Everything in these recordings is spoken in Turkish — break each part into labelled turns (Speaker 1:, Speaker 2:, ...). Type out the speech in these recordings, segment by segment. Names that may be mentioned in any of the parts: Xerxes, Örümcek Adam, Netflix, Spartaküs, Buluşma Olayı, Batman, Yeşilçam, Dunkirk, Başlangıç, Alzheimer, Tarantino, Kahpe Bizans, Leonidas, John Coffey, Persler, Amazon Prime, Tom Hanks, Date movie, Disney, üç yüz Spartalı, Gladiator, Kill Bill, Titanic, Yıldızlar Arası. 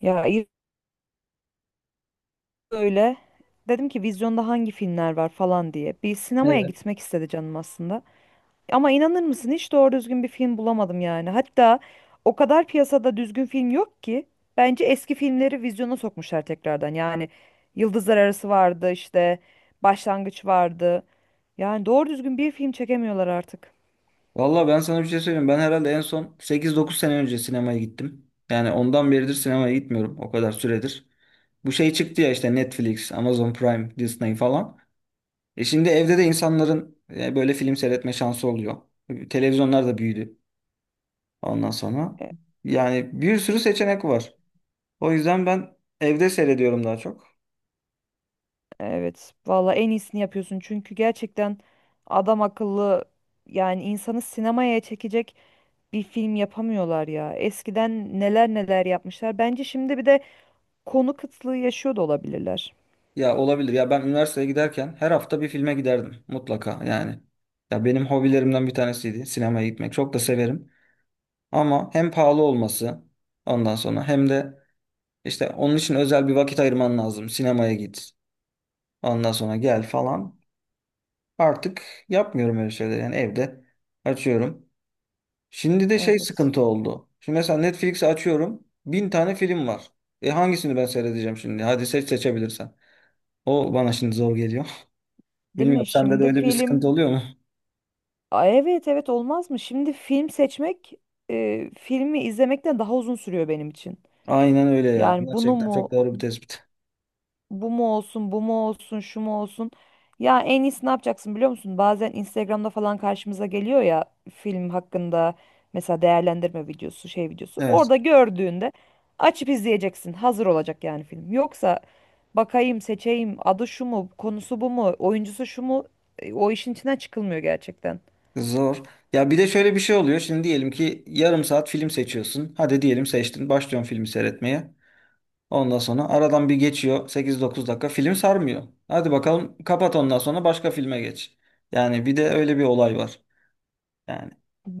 Speaker 1: Ya ilk öyle dedim ki vizyonda hangi filmler var falan diye. Bir sinemaya
Speaker 2: Evet.
Speaker 1: gitmek istedi canım aslında. Ama inanır mısın hiç doğru düzgün bir film bulamadım yani. Hatta o kadar piyasada düzgün film yok ki bence eski filmleri vizyona sokmuşlar tekrardan. Yani Yıldızlar Arası vardı işte Başlangıç vardı. Yani doğru düzgün bir film çekemiyorlar artık.
Speaker 2: Valla ben sana bir şey söyleyeyim. Ben herhalde en son 8, 9 sene önce sinemaya gittim. Yani ondan beridir sinemaya gitmiyorum. O kadar süredir. Bu şey çıktı ya işte Netflix, Amazon Prime, Disney falan. Şimdi evde de insanların böyle film seyretme şansı oluyor. Televizyonlar da büyüdü ondan sonra.
Speaker 1: E-
Speaker 2: Yani bir sürü seçenek var. O yüzden ben evde seyrediyorum daha çok.
Speaker 1: Evet, valla en iyisini yapıyorsun çünkü gerçekten adam akıllı yani insanı sinemaya çekecek bir film yapamıyorlar ya. Eskiden neler neler yapmışlar. Bence şimdi bir de konu kıtlığı yaşıyor da olabilirler.
Speaker 2: Ya olabilir. Ya ben üniversiteye giderken her hafta bir filme giderdim mutlaka yani. Ya benim hobilerimden bir tanesiydi sinemaya gitmek. Çok da severim. Ama hem pahalı olması ondan sonra hem de işte onun için özel bir vakit ayırman lazım. Sinemaya git. Ondan sonra gel falan. Artık yapmıyorum öyle şeyleri. Yani evde açıyorum. Şimdi de şey
Speaker 1: Evet.
Speaker 2: sıkıntı oldu. Şimdi mesela Netflix'i açıyorum. Bin tane film var. Hangisini ben seyredeceğim şimdi? Hadi seç seçebilirsen. O bana şimdi zor geliyor.
Speaker 1: Değil mi?
Speaker 2: Bilmiyorum sende de
Speaker 1: Şimdi
Speaker 2: öyle bir
Speaker 1: film.
Speaker 2: sıkıntı oluyor mu?
Speaker 1: Aa, evet, evet, olmaz mı? Şimdi film seçmek, filmi izlemekten daha uzun sürüyor benim için.
Speaker 2: Aynen öyle ya.
Speaker 1: Yani bunu
Speaker 2: Gerçekten
Speaker 1: mu,
Speaker 2: çok doğru bir tespit.
Speaker 1: bu mu olsun, bu mu olsun, şu mu olsun. Ya en iyisi ne yapacaksın biliyor musun? Bazen Instagram'da falan karşımıza geliyor ya, film hakkında mesela değerlendirme videosu, şey videosu.
Speaker 2: Evet.
Speaker 1: Orada gördüğünde açıp izleyeceksin. Hazır olacak yani film. Yoksa bakayım, seçeyim, adı şu mu, konusu bu mu, oyuncusu şu mu? O işin içinden çıkılmıyor gerçekten.
Speaker 2: Zor. Ya bir de şöyle bir şey oluyor. Şimdi diyelim ki yarım saat film seçiyorsun. Hadi diyelim seçtin. Başlıyorsun filmi seyretmeye. Ondan sonra aradan bir geçiyor. 8 9 dakika film sarmıyor. Hadi bakalım kapat ondan sonra başka filme geç. Yani bir de öyle bir olay var. Yani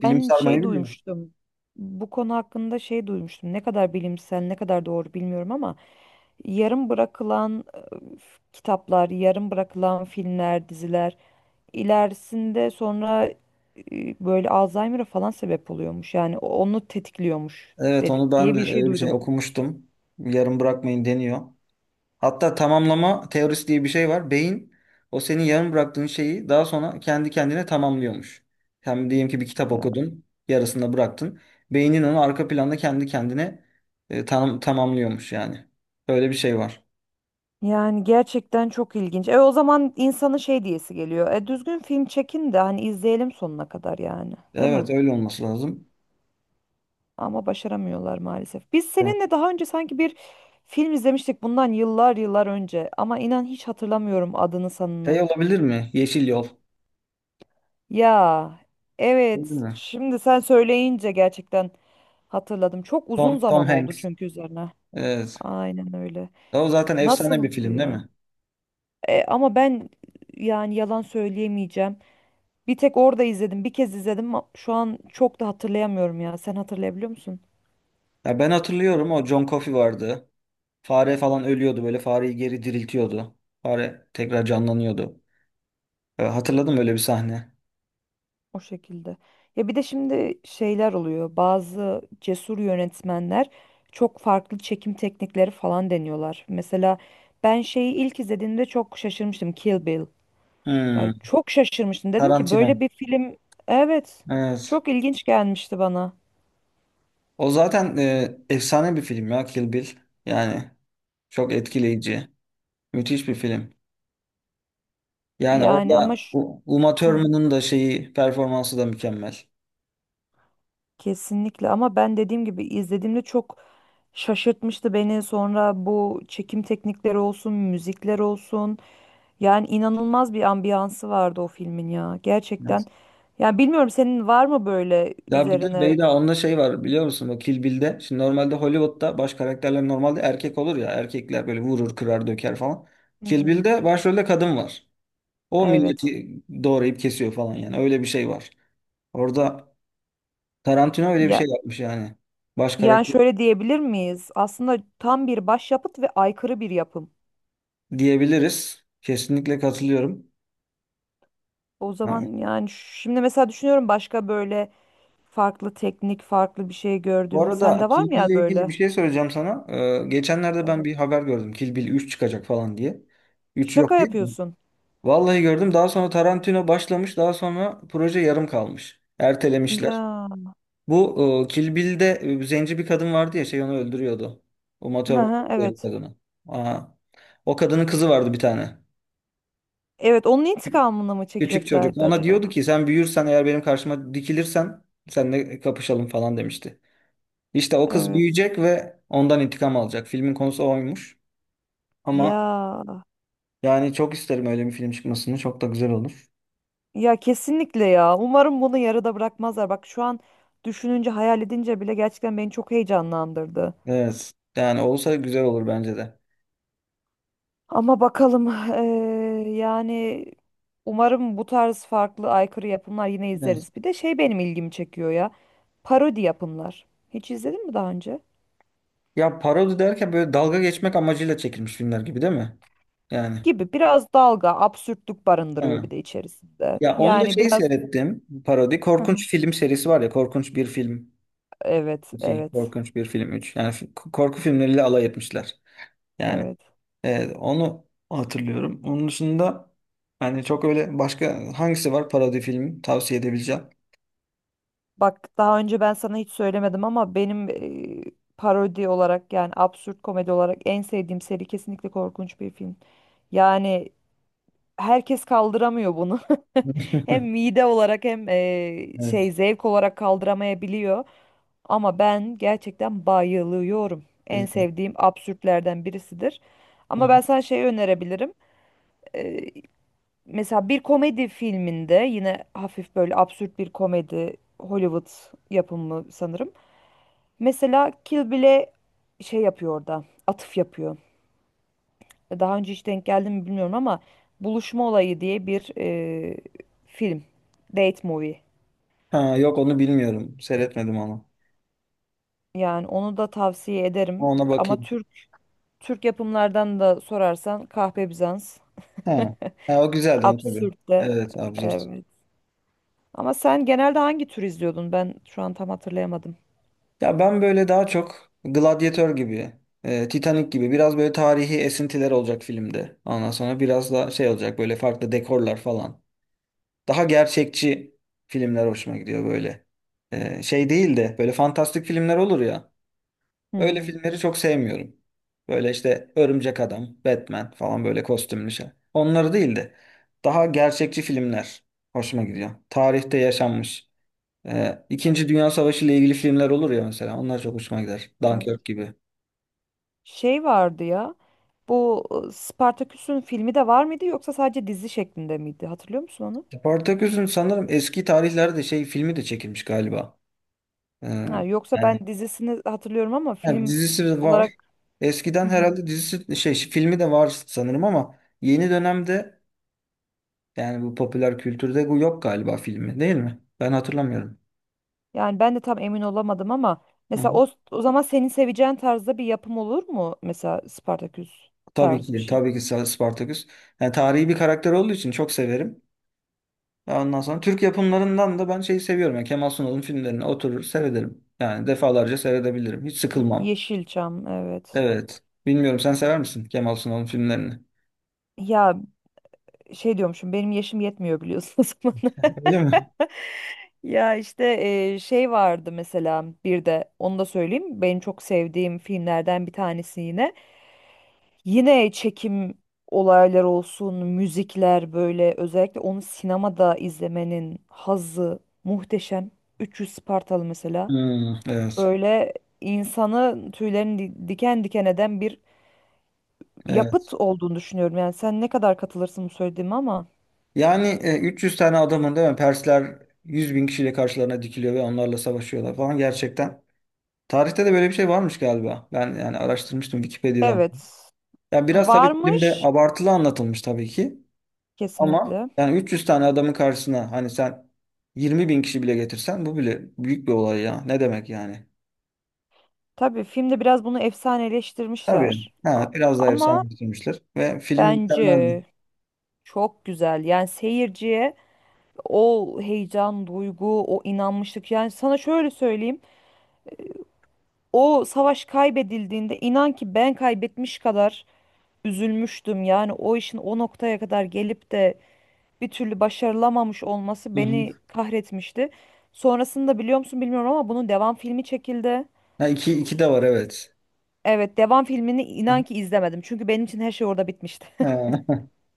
Speaker 2: film sarmayı
Speaker 1: şey
Speaker 2: biliyor.
Speaker 1: duymuştum. Bu konu hakkında şey duymuştum. Ne kadar bilimsel, ne kadar doğru bilmiyorum ama yarım bırakılan kitaplar, yarım bırakılan filmler, diziler ilerisinde sonra böyle Alzheimer'a falan sebep oluyormuş. Yani onu tetikliyormuş
Speaker 2: Evet onu ben
Speaker 1: diye
Speaker 2: de
Speaker 1: bir şey
Speaker 2: öyle bir şey
Speaker 1: duydum.
Speaker 2: okumuştum. Yarım bırakmayın deniyor. Hatta tamamlama teorisi diye bir şey var. Beyin o senin yarım bıraktığın şeyi daha sonra kendi kendine tamamlıyormuş. Yani diyelim ki bir kitap
Speaker 1: Ya-
Speaker 2: okudun, yarısında bıraktın. Beynin onu arka planda kendi kendine tamamlıyormuş yani. Öyle bir şey var.
Speaker 1: Yani gerçekten çok ilginç. E o zaman insanın şey diyesi geliyor. E düzgün film çekin de hani izleyelim sonuna kadar yani, değil mi?
Speaker 2: Evet öyle olması lazım.
Speaker 1: Ama başaramıyorlar maalesef. Biz
Speaker 2: Evet.
Speaker 1: seninle daha önce sanki bir film izlemiştik bundan yıllar yıllar önce ama inan hiç hatırlamıyorum adını sanını.
Speaker 2: Şey olabilir mi? Yeşil Yol.
Speaker 1: Ya
Speaker 2: Olabilir
Speaker 1: evet,
Speaker 2: mi?
Speaker 1: şimdi sen söyleyince gerçekten hatırladım. Çok uzun
Speaker 2: Tom
Speaker 1: zaman oldu
Speaker 2: Hanks.
Speaker 1: çünkü üzerine.
Speaker 2: Evet.
Speaker 1: Aynen öyle.
Speaker 2: O zaten efsane bir
Speaker 1: Nasıldı
Speaker 2: film değil
Speaker 1: ya?
Speaker 2: mi?
Speaker 1: E, ama ben yani yalan söyleyemeyeceğim. Bir tek orada izledim. Bir kez izledim. Ama şu an çok da hatırlayamıyorum ya. Sen hatırlayabiliyor musun?
Speaker 2: Ya ben hatırlıyorum, o John Coffey vardı. Fare falan ölüyordu, böyle fareyi geri diriltiyordu. Fare tekrar canlanıyordu. Hatırladım öyle bir sahne.
Speaker 1: O şekilde. Ya bir de şimdi şeyler oluyor. Bazı cesur yönetmenler çok farklı çekim teknikleri falan deniyorlar. Mesela ben şeyi ilk izlediğimde çok şaşırmıştım. Kill Bill. Ya
Speaker 2: Hmm.
Speaker 1: çok şaşırmıştım. Dedim ki böyle
Speaker 2: Tarantino.
Speaker 1: bir film, evet
Speaker 2: Evet.
Speaker 1: çok ilginç gelmişti bana.
Speaker 2: O zaten efsane bir film ya Kill Bill. Yani çok etkileyici. Müthiş bir film. Yani
Speaker 1: Yani ama
Speaker 2: orada Uma
Speaker 1: hı,
Speaker 2: Thurman'ın da şeyi, performansı da mükemmel.
Speaker 1: kesinlikle ama ben dediğim gibi izlediğimde çok şaşırtmıştı beni. Sonra bu çekim teknikleri olsun, müzikler olsun. Yani inanılmaz bir ambiyansı vardı o filmin ya. Gerçekten.
Speaker 2: Evet.
Speaker 1: Yani bilmiyorum senin var mı böyle
Speaker 2: Ya bir de
Speaker 1: üzerine?
Speaker 2: Beyda, onda şey var biliyor musun? O Kill Bill'de. Şimdi normalde Hollywood'da baş karakterler normalde erkek olur ya. Erkekler böyle vurur, kırar, döker falan.
Speaker 1: Hı
Speaker 2: Kill
Speaker 1: hı.
Speaker 2: Bill'de başrolde kadın var. O
Speaker 1: Evet.
Speaker 2: milleti doğrayıp kesiyor falan yani. Öyle bir şey var. Orada Tarantino öyle bir
Speaker 1: Ya
Speaker 2: şey yapmış yani. Baş
Speaker 1: yani
Speaker 2: karakter
Speaker 1: şöyle diyebilir miyiz? Aslında tam bir başyapıt ve aykırı bir yapım.
Speaker 2: diyebiliriz. Kesinlikle katılıyorum.
Speaker 1: O
Speaker 2: Ha.
Speaker 1: zaman yani şimdi mesela düşünüyorum başka böyle farklı teknik, farklı bir şey
Speaker 2: Bu
Speaker 1: gördüm.
Speaker 2: arada
Speaker 1: Sende var
Speaker 2: Kill
Speaker 1: mı
Speaker 2: Bill'le
Speaker 1: ya
Speaker 2: ilgili bir
Speaker 1: böyle?
Speaker 2: şey söyleyeceğim sana. Geçenlerde ben
Speaker 1: Tabii.
Speaker 2: bir haber gördüm. Kill Bill 3 çıkacak falan diye. Üç
Speaker 1: Şaka
Speaker 2: yok değil mi?
Speaker 1: yapıyorsun.
Speaker 2: Vallahi gördüm. Daha sonra Tarantino başlamış. Daha sonra proje yarım kalmış. Ertelemişler.
Speaker 1: Ya.
Speaker 2: Bu Kill Bill'de zenci bir kadın vardı ya, şey onu öldürüyordu. O
Speaker 1: Hı
Speaker 2: Thurman
Speaker 1: hı,
Speaker 2: öldürüyordu
Speaker 1: evet.
Speaker 2: kadını. Aa. O kadının kızı vardı bir tane.
Speaker 1: Evet, onun intikamını mı
Speaker 2: Küçük çocuk.
Speaker 1: çekeceklerdi
Speaker 2: Ona
Speaker 1: acaba?
Speaker 2: diyordu ki sen büyürsen, eğer benim karşıma dikilirsen seninle kapışalım falan demişti. İşte o kız
Speaker 1: Evet.
Speaker 2: büyüyecek ve ondan intikam alacak. Filmin konusu oymuş. Ama
Speaker 1: Ya.
Speaker 2: yani çok isterim öyle bir film çıkmasını. Çok da güzel olur.
Speaker 1: Ya kesinlikle ya. Umarım bunu yarıda bırakmazlar. Bak şu an düşününce, hayal edince bile gerçekten beni çok heyecanlandırdı.
Speaker 2: Evet. Yani olsa güzel olur bence de.
Speaker 1: Ama bakalım yani umarım bu tarz farklı aykırı yapımlar yine
Speaker 2: Evet.
Speaker 1: izleriz. Bir de şey benim ilgimi çekiyor ya. Parodi yapımlar. Hiç izledin mi daha önce?
Speaker 2: Ya parodi derken böyle dalga geçmek amacıyla çekilmiş filmler gibi değil mi? Yani.
Speaker 1: Gibi biraz dalga, absürtlük barındırıyor
Speaker 2: Hı.
Speaker 1: bir de içerisinde.
Speaker 2: Ya onu da
Speaker 1: Yani
Speaker 2: şeyi
Speaker 1: biraz
Speaker 2: seyrettim. Parodi.
Speaker 1: hı hı.
Speaker 2: Korkunç film serisi var ya. Korkunç bir film
Speaker 1: Evet,
Speaker 2: iki,
Speaker 1: evet,
Speaker 2: Korkunç bir film üç. Yani korku filmleriyle alay etmişler. Yani
Speaker 1: evet.
Speaker 2: evet, onu hatırlıyorum. Onun dışında hani çok öyle başka hangisi var parodi film tavsiye edebileceğim.
Speaker 1: Bak daha önce ben sana hiç söylemedim ama benim parodi olarak yani absürt komedi olarak en sevdiğim seri kesinlikle korkunç bir film. Yani herkes kaldıramıyor bunu. Hem mide olarak hem şey
Speaker 2: Evet.
Speaker 1: zevk olarak kaldıramayabiliyor. Ama ben gerçekten bayılıyorum. En
Speaker 2: Güzel.
Speaker 1: sevdiğim absürtlerden birisidir.
Speaker 2: Hı hı.
Speaker 1: Ama ben sana şey önerebilirim. E, mesela bir komedi filminde yine hafif böyle absürt bir komedi Hollywood yapımı sanırım. Mesela Kill Bill'e şey yapıyor orada. Atıf yapıyor. E, daha önce hiç denk geldi mi bilmiyorum ama Buluşma Olayı diye bir film. Date movie.
Speaker 2: Ha, yok onu bilmiyorum. Seyretmedim onu.
Speaker 1: Yani onu da tavsiye ederim.
Speaker 2: Ona
Speaker 1: Ama
Speaker 2: bakayım.
Speaker 1: Türk yapımlardan da sorarsan Kahpe Bizans,
Speaker 2: Ha. Ha, o güzeldi on tabii.
Speaker 1: absürt de.
Speaker 2: Evet, absürt.
Speaker 1: Evet. Ama sen genelde hangi tür izliyordun? Ben şu an tam hatırlayamadım.
Speaker 2: Ya ben böyle daha çok Gladiator gibi, Titanic gibi, biraz böyle tarihi esintiler olacak filmde. Ondan sonra biraz da şey olacak, böyle farklı dekorlar falan. Daha gerçekçi filmler hoşuma gidiyor böyle. Şey değil de böyle fantastik filmler olur ya.
Speaker 1: Hı
Speaker 2: Öyle
Speaker 1: hı.
Speaker 2: filmleri çok sevmiyorum. Böyle işte Örümcek Adam, Batman falan, böyle kostümlü şey. Onları değil de daha gerçekçi filmler hoşuma gidiyor. Tarihte yaşanmış. İkinci Dünya Savaşı ile ilgili filmler olur ya mesela. Onlar çok hoşuma gider.
Speaker 1: Evet.
Speaker 2: Dunkirk gibi.
Speaker 1: Şey vardı ya. Bu Spartaküs'ün filmi de var mıydı yoksa sadece dizi şeklinde miydi? Hatırlıyor musun onu?
Speaker 2: Spartaküs'ün sanırım eski tarihlerde şey filmi de çekilmiş galiba. Ee,
Speaker 1: Ha, yoksa ben
Speaker 2: yani
Speaker 1: dizisini hatırlıyorum ama
Speaker 2: Yani
Speaker 1: film
Speaker 2: dizisi de var.
Speaker 1: olarak
Speaker 2: Eskiden herhalde dizisi, şey, filmi de var sanırım ama yeni dönemde, yani bu popüler kültürde bu yok galiba filmi, değil mi? Ben hatırlamıyorum.
Speaker 1: yani ben de tam emin olamadım ama
Speaker 2: Hı
Speaker 1: mesela
Speaker 2: hı.
Speaker 1: o zaman senin seveceğin tarzda bir yapım olur mu? Mesela Spartaküs
Speaker 2: Tabii
Speaker 1: tarzı bir
Speaker 2: ki,
Speaker 1: şey.
Speaker 2: tabii ki. Spartacus. Yani tarihi bir karakter olduğu için çok severim. Ondan sonra Türk yapımlarından da ben şeyi seviyorum. Yani Kemal Sunal'ın filmlerini oturur seyrederim. Yani defalarca seyredebilirim. Hiç sıkılmam.
Speaker 1: Yeşilçam, evet.
Speaker 2: Evet. Bilmiyorum, sen sever misin Kemal Sunal'ın filmlerini?
Speaker 1: Ya şey diyormuşum, benim yaşım yetmiyor biliyorsun o zaman.
Speaker 2: Öyle mi?
Speaker 1: Ya işte şey vardı mesela, bir de onu da söyleyeyim. Benim çok sevdiğim filmlerden bir tanesi yine. Yine çekim olaylar olsun, müzikler böyle özellikle onu sinemada izlemenin hazzı muhteşem. 300 Spartalı mesela.
Speaker 2: Hmm, evet.
Speaker 1: Böyle insanı tüylerini diken diken eden bir
Speaker 2: Evet.
Speaker 1: yapıt olduğunu düşünüyorum. Yani sen ne kadar katılırsın bu söylediğime ama.
Speaker 2: Yani 300 tane adamın, değil mi? Persler 100 bin kişiyle karşılarına dikiliyor ve onlarla savaşıyorlar falan, gerçekten. Tarihte de böyle bir şey varmış galiba. Ben yani araştırmıştım Wikipedia'dan.
Speaker 1: Evet.
Speaker 2: Ya biraz tabii filmde
Speaker 1: Varmış
Speaker 2: abartılı anlatılmış tabii ki. Ama
Speaker 1: kesinlikle.
Speaker 2: yani 300 tane adamın karşısına hani sen 20 bin kişi bile getirsen bu bile büyük bir olay ya. Ne demek yani?
Speaker 1: Tabii filmde biraz bunu
Speaker 2: Tabii.
Speaker 1: efsaneleştirmişler.
Speaker 2: Ha, biraz daha
Speaker 1: Ama
Speaker 2: efsane getirmişler. Ve film mükemmeldi.
Speaker 1: bence çok güzel. Yani seyirciye o heyecan, duygu, o inanmışlık. Yani sana şöyle söyleyeyim. O savaş kaybedildiğinde inan ki ben kaybetmiş kadar üzülmüştüm. Yani o işin o noktaya kadar gelip de bir türlü başarılamamış olması
Speaker 2: Hı
Speaker 1: beni
Speaker 2: hı.
Speaker 1: kahretmişti. Sonrasında biliyor musun bilmiyorum ama bunun devam filmi çekildi.
Speaker 2: Ha, iki, iki de var, evet.
Speaker 1: Evet, devam filmini
Speaker 2: Hı
Speaker 1: inan
Speaker 2: hı.
Speaker 1: ki izlemedim. Çünkü benim için her şey orada bitmişti.
Speaker 2: Ha.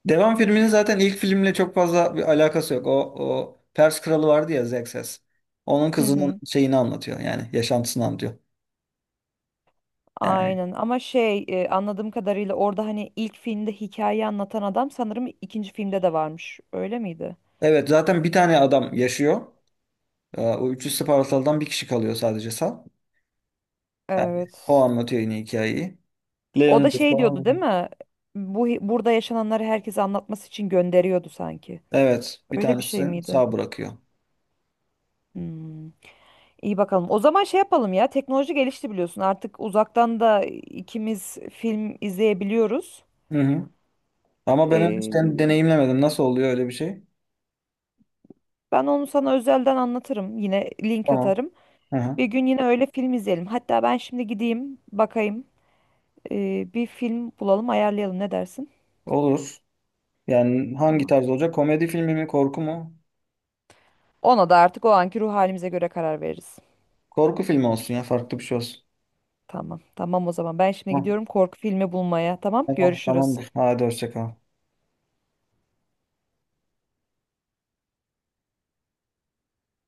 Speaker 2: Devam filminin zaten ilk filmle çok fazla bir alakası yok. O Pers kralı vardı ya, Xerxes. Onun
Speaker 1: Hı
Speaker 2: kızının
Speaker 1: hı.
Speaker 2: şeyini anlatıyor, yani yaşantısını anlatıyor. Yani
Speaker 1: Aynen ama şey anladığım kadarıyla orada hani ilk filmde hikayeyi anlatan adam sanırım ikinci filmde de varmış. Öyle miydi?
Speaker 2: evet, zaten bir tane adam yaşıyor. O 300 Spartalı'dan bir kişi kalıyor sadece sağ. Yani o
Speaker 1: Evet.
Speaker 2: anlatıyor yine hikayeyi.
Speaker 1: O da
Speaker 2: Leonidas
Speaker 1: şey diyordu değil
Speaker 2: falan.
Speaker 1: mi? Bu burada yaşananları herkese anlatması için gönderiyordu sanki.
Speaker 2: Evet, bir
Speaker 1: Öyle bir şey
Speaker 2: tanesi
Speaker 1: miydi?
Speaker 2: sağ bırakıyor.
Speaker 1: Hmm. İyi bakalım. O zaman şey yapalım ya. Teknoloji gelişti biliyorsun. Artık uzaktan da ikimiz film izleyebiliyoruz.
Speaker 2: Hı hı. Ama ben henüz
Speaker 1: Ee,
Speaker 2: deneyimlemedim. Nasıl oluyor öyle bir şey?
Speaker 1: ben onu sana özelden anlatırım. Yine link
Speaker 2: Tamam.
Speaker 1: atarım.
Speaker 2: Hı hı.
Speaker 1: Bir gün yine öyle film izleyelim. Hatta ben şimdi gideyim, bakayım. Bir film bulalım, ayarlayalım. Ne dersin?
Speaker 2: Olur. Yani hangi
Speaker 1: Tamam.
Speaker 2: tarz olacak? Komedi filmi mi, korku mu?
Speaker 1: Ona da artık o anki ruh halimize göre karar veririz.
Speaker 2: Korku filmi olsun ya, farklı bir şey olsun.
Speaker 1: Tamam. Tamam o zaman. Ben şimdi
Speaker 2: Tamam,
Speaker 1: gidiyorum korku filmi bulmaya. Tamam.
Speaker 2: tamam,
Speaker 1: Görüşürüz.
Speaker 2: tamamdır. Hadi hoşça kal.